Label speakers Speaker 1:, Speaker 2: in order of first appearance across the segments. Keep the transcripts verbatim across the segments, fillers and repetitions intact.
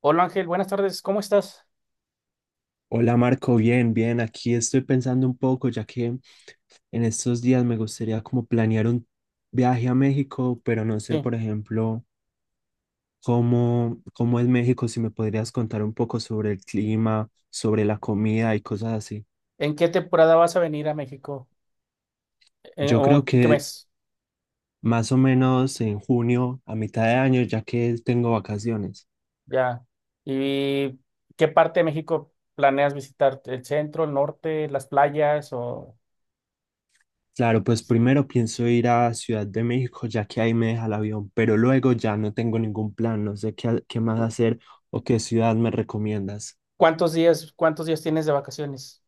Speaker 1: Hola Ángel, buenas tardes, ¿cómo estás?
Speaker 2: Hola Marco, bien, bien. Aquí estoy pensando un poco, ya que en estos días me gustaría como planear un viaje a México, pero no sé,
Speaker 1: Sí.
Speaker 2: por ejemplo, cómo, cómo es México, si me podrías contar un poco sobre el clima, sobre la comida y cosas así.
Speaker 1: ¿En qué temporada vas a venir a México? Eh,
Speaker 2: Yo
Speaker 1: ¿o
Speaker 2: creo
Speaker 1: en qué
Speaker 2: que
Speaker 1: mes?
Speaker 2: más o menos en junio, a mitad de año, ya que tengo vacaciones.
Speaker 1: Ya. ¿Y qué parte de México planeas visitar? ¿El centro, el norte, las playas o
Speaker 2: Claro, pues primero pienso ir a Ciudad de México, ya que ahí me deja el avión, pero luego ya no tengo ningún plan, no sé qué, qué más hacer o qué ciudad me recomiendas.
Speaker 1: cuántos días, cuántos días tienes de vacaciones?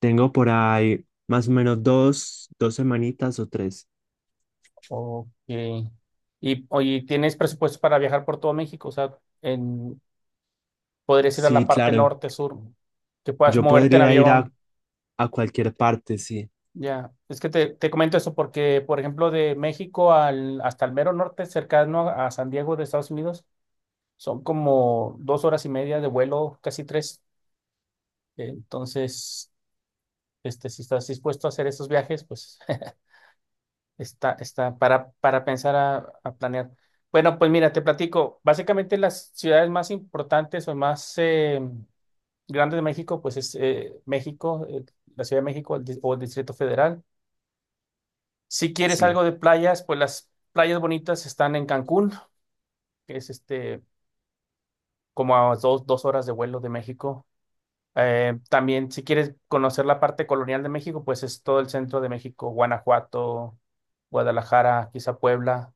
Speaker 2: Tengo por ahí más o menos dos, dos semanitas o tres.
Speaker 1: Ok. Y, oye, ¿tienes presupuesto para viajar por todo México? O sea, en, podrías ir a la
Speaker 2: Sí,
Speaker 1: parte
Speaker 2: claro,
Speaker 1: norte, sur, que puedas
Speaker 2: yo
Speaker 1: moverte en
Speaker 2: podría ir a,
Speaker 1: avión.
Speaker 2: a cualquier parte, sí,
Speaker 1: Ya, es que te, te comento eso porque, por ejemplo, de México al, hasta el mero norte, cercano a San Diego de Estados Unidos, son como dos horas y media de vuelo, casi tres. Entonces, este, si estás dispuesto a hacer esos viajes, pues está, está para, para pensar a, a planear. Bueno, pues mira, te platico. Básicamente las ciudades más importantes o más eh, grandes de México, pues es eh, México, eh, la Ciudad de México el di- o el Distrito Federal. Si quieres
Speaker 2: sí.
Speaker 1: algo de playas, pues las playas bonitas están en Cancún, que es este, como a dos, dos horas de vuelo de México. Eh, también, si quieres conocer la parte colonial de México, pues es todo el centro de México, Guanajuato, Guadalajara, quizá Puebla.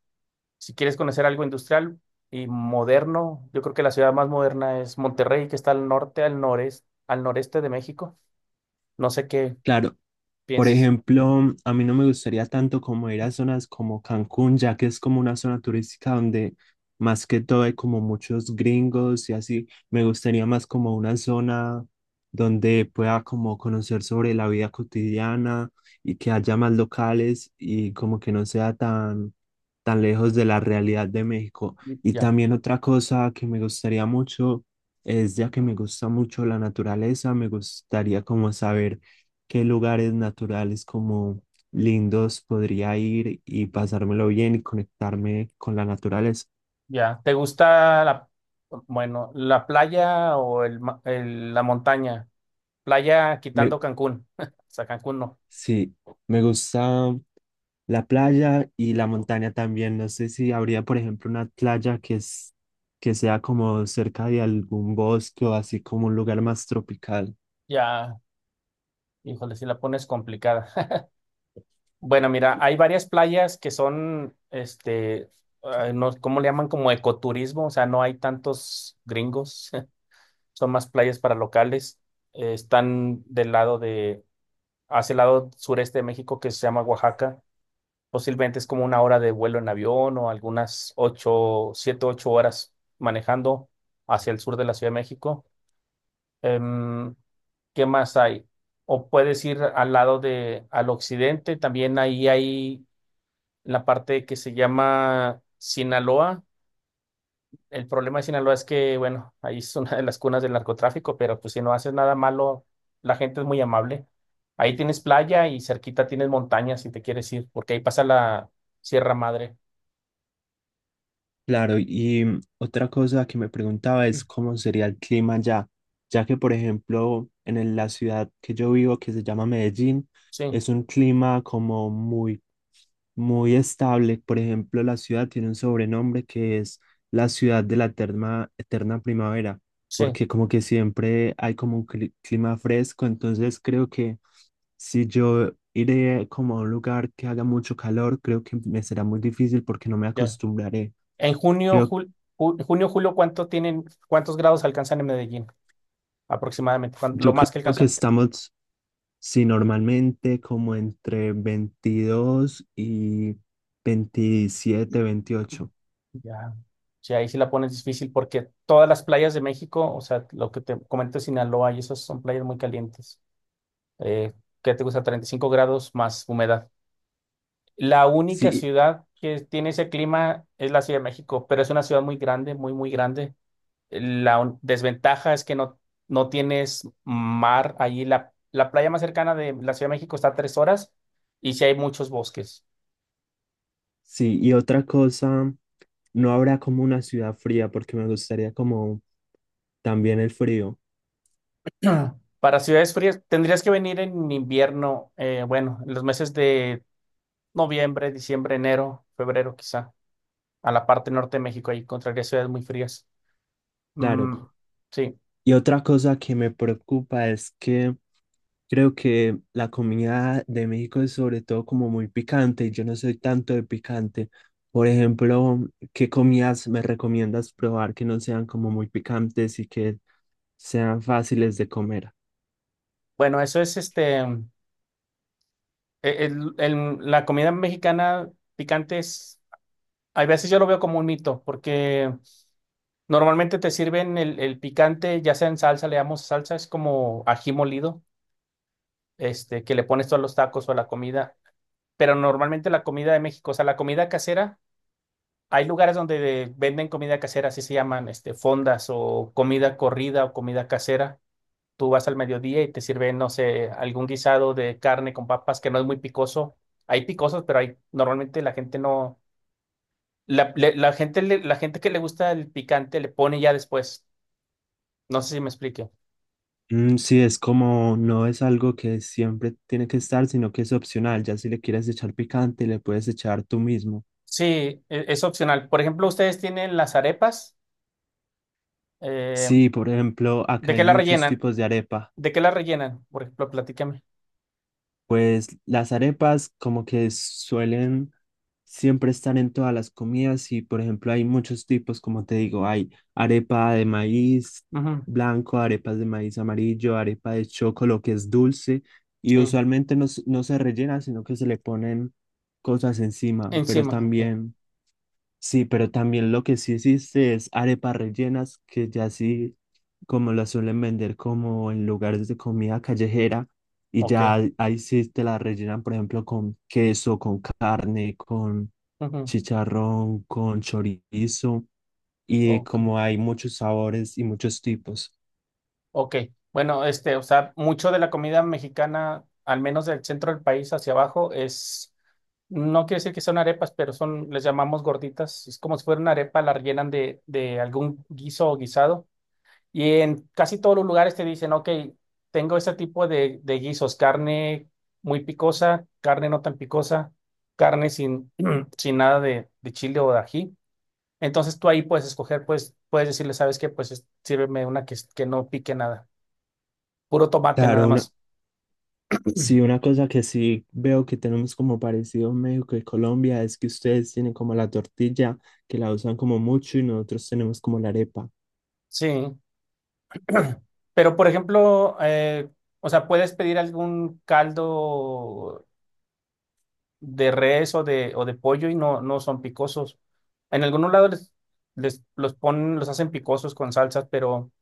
Speaker 1: Si quieres conocer algo industrial y moderno, yo creo que la ciudad más moderna es Monterrey, que está al norte, al noreste, al noreste, de México. No sé qué
Speaker 2: Claro. Por
Speaker 1: piensas.
Speaker 2: ejemplo, a mí no me gustaría tanto como ir a zonas como Cancún, ya que es como una zona turística donde más que todo hay como muchos gringos y así. Me gustaría más como una zona donde pueda como conocer sobre la vida cotidiana y que haya más locales y como que no sea tan, tan lejos de la realidad de México. Y
Speaker 1: Ya.
Speaker 2: también otra cosa que me gustaría mucho es, ya que me gusta mucho la naturaleza, me gustaría como saber qué lugares naturales como lindos podría ir y pasármelo bien y conectarme con la naturaleza.
Speaker 1: Ya, ¿te gusta la, bueno, la playa o el, ma- el- la montaña? Playa
Speaker 2: Me,
Speaker 1: quitando Cancún. O sea, Cancún no.
Speaker 2: sí, me gusta la playa y la montaña también. No sé si habría, por ejemplo, una playa que es, que sea como cerca de algún bosque o así como un lugar más tropical.
Speaker 1: Ya, híjole, si la pones complicada. Bueno, mira, hay varias playas que son, este, ay, no, ¿cómo le llaman? Como ecoturismo, o sea, no hay tantos gringos, son más playas para locales. Eh, están del lado de, hacia el lado sureste de México que se llama Oaxaca. Posiblemente es como una hora de vuelo en avión o algunas ocho, siete, ocho horas manejando hacia el sur de la Ciudad de México. Em, ¿Qué más hay? O puedes ir al lado de, al occidente, también ahí hay la parte que se llama Sinaloa. El problema de Sinaloa es que, bueno, ahí es una de las cunas del narcotráfico, pero pues si no haces nada malo, la gente es muy amable. Ahí tienes playa y cerquita tienes montañas si te quieres ir, porque ahí pasa la Sierra Madre.
Speaker 2: Claro, y mm, otra cosa que me preguntaba es cómo sería el clima allá, ya que por ejemplo en el- la ciudad que yo vivo, que se llama Medellín,
Speaker 1: Sí.
Speaker 2: es un clima como muy, muy estable. Por ejemplo, la ciudad tiene un sobrenombre que es la ciudad de la eterna, eterna primavera,
Speaker 1: Sí,
Speaker 2: porque como que siempre hay como un cli- clima fresco, entonces creo que si yo iré como a un lugar que haga mucho calor, creo que me será muy difícil porque no me
Speaker 1: ya.
Speaker 2: acostumbraré.
Speaker 1: En junio,
Speaker 2: Creo,
Speaker 1: jul- ju- junio, julio, ¿cuánto tienen, cuántos grados alcanzan en Medellín aproximadamente? Cuan- Lo
Speaker 2: yo
Speaker 1: más que
Speaker 2: creo que
Speaker 1: alcanzan.
Speaker 2: estamos, si normalmente como entre veintidós y veintisiete veintiocho.
Speaker 1: Ya. Sí, ahí sí la pones difícil porque todas las playas de México, o sea, lo que te comento, Sinaloa, y esas son playas muy calientes. Eh, ¿Qué te gusta? Treinta y cinco grados más humedad. La única
Speaker 2: Sí,
Speaker 1: ciudad que tiene ese clima es la Ciudad de México, pero es una ciudad muy grande, muy, muy grande. La un- desventaja es que no, no tienes mar allí. La, la playa más cercana de la Ciudad de México está a tres horas y sí hay muchos bosques.
Speaker 2: sí, y otra cosa, no habrá como una ciudad fría porque me gustaría como también el frío,
Speaker 1: Para ciudades frías, tendrías que venir en invierno, eh, bueno, en los meses de noviembre, diciembre, enero, febrero quizá, a la parte norte de México, ahí encontrarías ciudades muy frías. Mm,
Speaker 2: claro.
Speaker 1: sí,
Speaker 2: Y otra cosa que me preocupa es que creo que la comida de México es sobre todo como muy picante y yo no soy tanto de picante. Por ejemplo, ¿qué comidas me recomiendas probar que no sean como muy picantes y que sean fáciles de comer?
Speaker 1: bueno, eso es este, el- el- el- la comida mexicana picante es, a veces yo lo veo como un mito, porque normalmente te sirven el, el picante, ya sea en salsa, le damos salsa, es como ají molido, este, que le pones tú a los tacos o a la comida. Pero normalmente la comida de México, o sea, la comida casera, hay lugares donde de- venden comida casera, así se llaman, este, fondas o comida corrida o comida casera. Tú vas al mediodía y te sirven, no sé, algún guisado de carne con papas que no es muy picoso. Hay picosos, pero hay, normalmente la gente no, la, le- la gente, le- la gente que le gusta el picante le pone ya después. No sé si me explique.
Speaker 2: Mm, sí, es como no es algo que siempre tiene que estar, sino que es opcional. Ya si le quieres echar picante, le puedes echar tú mismo.
Speaker 1: Sí, e- es opcional. Por ejemplo, ustedes tienen las arepas. eh,
Speaker 2: Sí, por ejemplo, acá
Speaker 1: ¿De
Speaker 2: hay
Speaker 1: qué la
Speaker 2: muchos
Speaker 1: rellenan?
Speaker 2: tipos de arepa.
Speaker 1: ¿De qué la rellenan? Por ejemplo, platícame.
Speaker 2: Pues las arepas como que suelen siempre estar en todas las comidas y por ejemplo hay muchos tipos, como te digo, hay arepa de maíz
Speaker 1: Ujú,
Speaker 2: blanco, arepas de maíz amarillo, arepa de chocolo que es dulce y
Speaker 1: sí.
Speaker 2: usualmente no, s- no se rellena, sino que se le ponen cosas encima, pero
Speaker 1: Encima. Sí.
Speaker 2: también... Sí, pero también lo que sí existe es arepas rellenas, que ya sí, como las suelen vender como en lugares de comida callejera, y
Speaker 1: Ok.
Speaker 2: ya ahí ahí sí te la rellenan, por ejemplo, con queso, con carne, con
Speaker 1: Ujú,
Speaker 2: chicharrón, con chorizo, y
Speaker 1: ok.
Speaker 2: como hay muchos sabores y muchos tipos.
Speaker 1: Ok. Bueno, este, o sea, mucho de la comida mexicana, al menos del centro del país hacia abajo, es, no quiere decir que son arepas, pero son, les llamamos gorditas. Es como si fuera una arepa, la rellenan de, de algún guiso o guisado. Y en casi todos los lugares te dicen, ok, tengo este tipo de, de guisos, carne muy picosa, carne no tan picosa, carne sin, sin nada de, de chile o de ají. Entonces tú ahí puedes escoger, pues puedes decirle, ¿sabes qué? Pues es- sírveme una que, que no pique nada, puro tomate nada
Speaker 2: Claro, una,
Speaker 1: más.
Speaker 2: sí, una cosa que sí veo que tenemos como parecido en México y Colombia es que ustedes tienen como la tortilla, que la usan como mucho, y nosotros tenemos como la arepa.
Speaker 1: Sí, pero por ejemplo, eh, o sea, puedes pedir algún caldo de res o de, o de pollo y no, no son picosos. En algunos lados les, les- los ponen, los hacen picosos con salsas, pero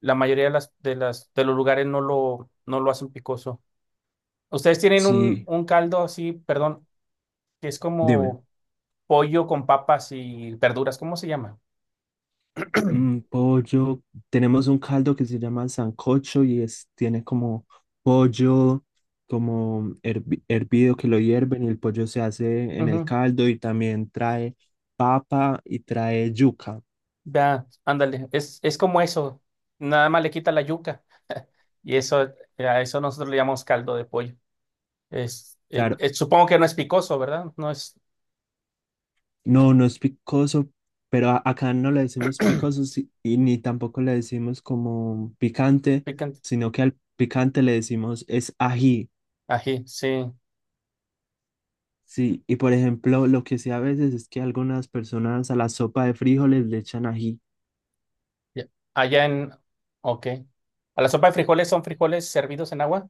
Speaker 1: la mayoría de las, de las, de los lugares no lo, no lo hacen picoso. Ustedes tienen un,
Speaker 2: Sí,
Speaker 1: un caldo así, perdón, que es
Speaker 2: dime.
Speaker 1: como pollo con papas y verduras, ¿cómo se llama?
Speaker 2: Mm, pollo, tenemos un caldo que se llama sancocho y es, tiene como pollo, como hervi- hervido que lo hierven y el pollo se hace en el
Speaker 1: Ujú.
Speaker 2: caldo y también trae papa y trae yuca.
Speaker 1: Ya, ándale, es, es como eso, nada más le quita la yuca y eso, a eso nosotros le llamamos caldo de pollo. Es, eh,
Speaker 2: Claro,
Speaker 1: eh, supongo que no es picoso, ¿verdad? No es
Speaker 2: no, no es picoso, pero a- acá no le decimos picoso si- y ni tampoco le decimos como picante,
Speaker 1: picante.
Speaker 2: sino que al picante le decimos es ají.
Speaker 1: Ají, sí.
Speaker 2: Sí, y por ejemplo, lo que sí a veces es que algunas personas a la sopa de frijoles le echan ají.
Speaker 1: Ya- Allá en... Ok. ¿A la sopa de frijoles son frijoles servidos en agua?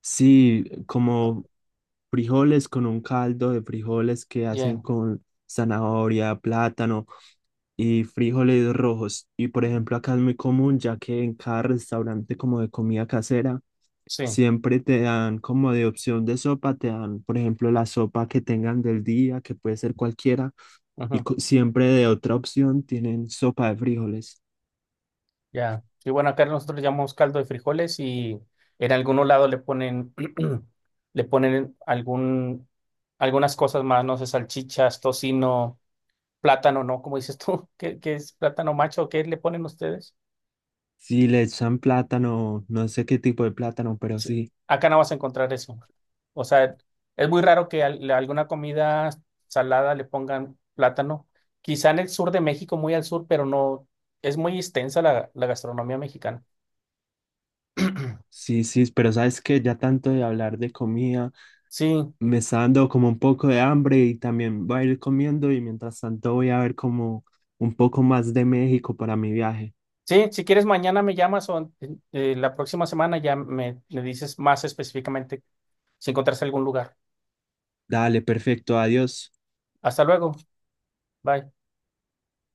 Speaker 2: Sí, como frijoles con un caldo de frijoles que
Speaker 1: Yeah,
Speaker 2: hacen con zanahoria, plátano y frijoles rojos. Y por ejemplo, acá es muy común, ya que en cada restaurante como de comida casera,
Speaker 1: sí.
Speaker 2: siempre te dan como de opción de sopa, te dan, por ejemplo, la sopa que tengan del día, que puede ser cualquiera, y
Speaker 1: Ujú.
Speaker 2: co- siempre de otra opción tienen sopa de frijoles.
Speaker 1: Ya. Y bueno, acá nosotros le llamamos caldo de frijoles y en algún lado le ponen, le ponen algún, algunas cosas más, no sé, salchichas, tocino, plátano, ¿no? ¿Como dices tú? ¿Qué, qué es plátano macho? ¿Qué le ponen ustedes?
Speaker 2: Sí, le echan plátano, no sé qué tipo de plátano, pero
Speaker 1: Sí,
Speaker 2: sí,
Speaker 1: acá no vas a encontrar eso. O sea, es muy raro que al- le- alguna comida salada le pongan plátano. Quizá en el sur de México, muy al sur, pero no, es muy extensa la, la gastronomía mexicana.
Speaker 2: sí, sí, pero sabes que ya tanto de hablar de comida,
Speaker 1: Sí,
Speaker 2: me está dando como un poco de hambre y también voy a ir comiendo y mientras tanto voy a ver como un poco más de México para mi viaje.
Speaker 1: sí, si quieres mañana me llamas o eh, la próxima semana ya me, me dices más específicamente si encontraste algún lugar.
Speaker 2: Dale, perfecto, adiós.
Speaker 1: Hasta luego, bye.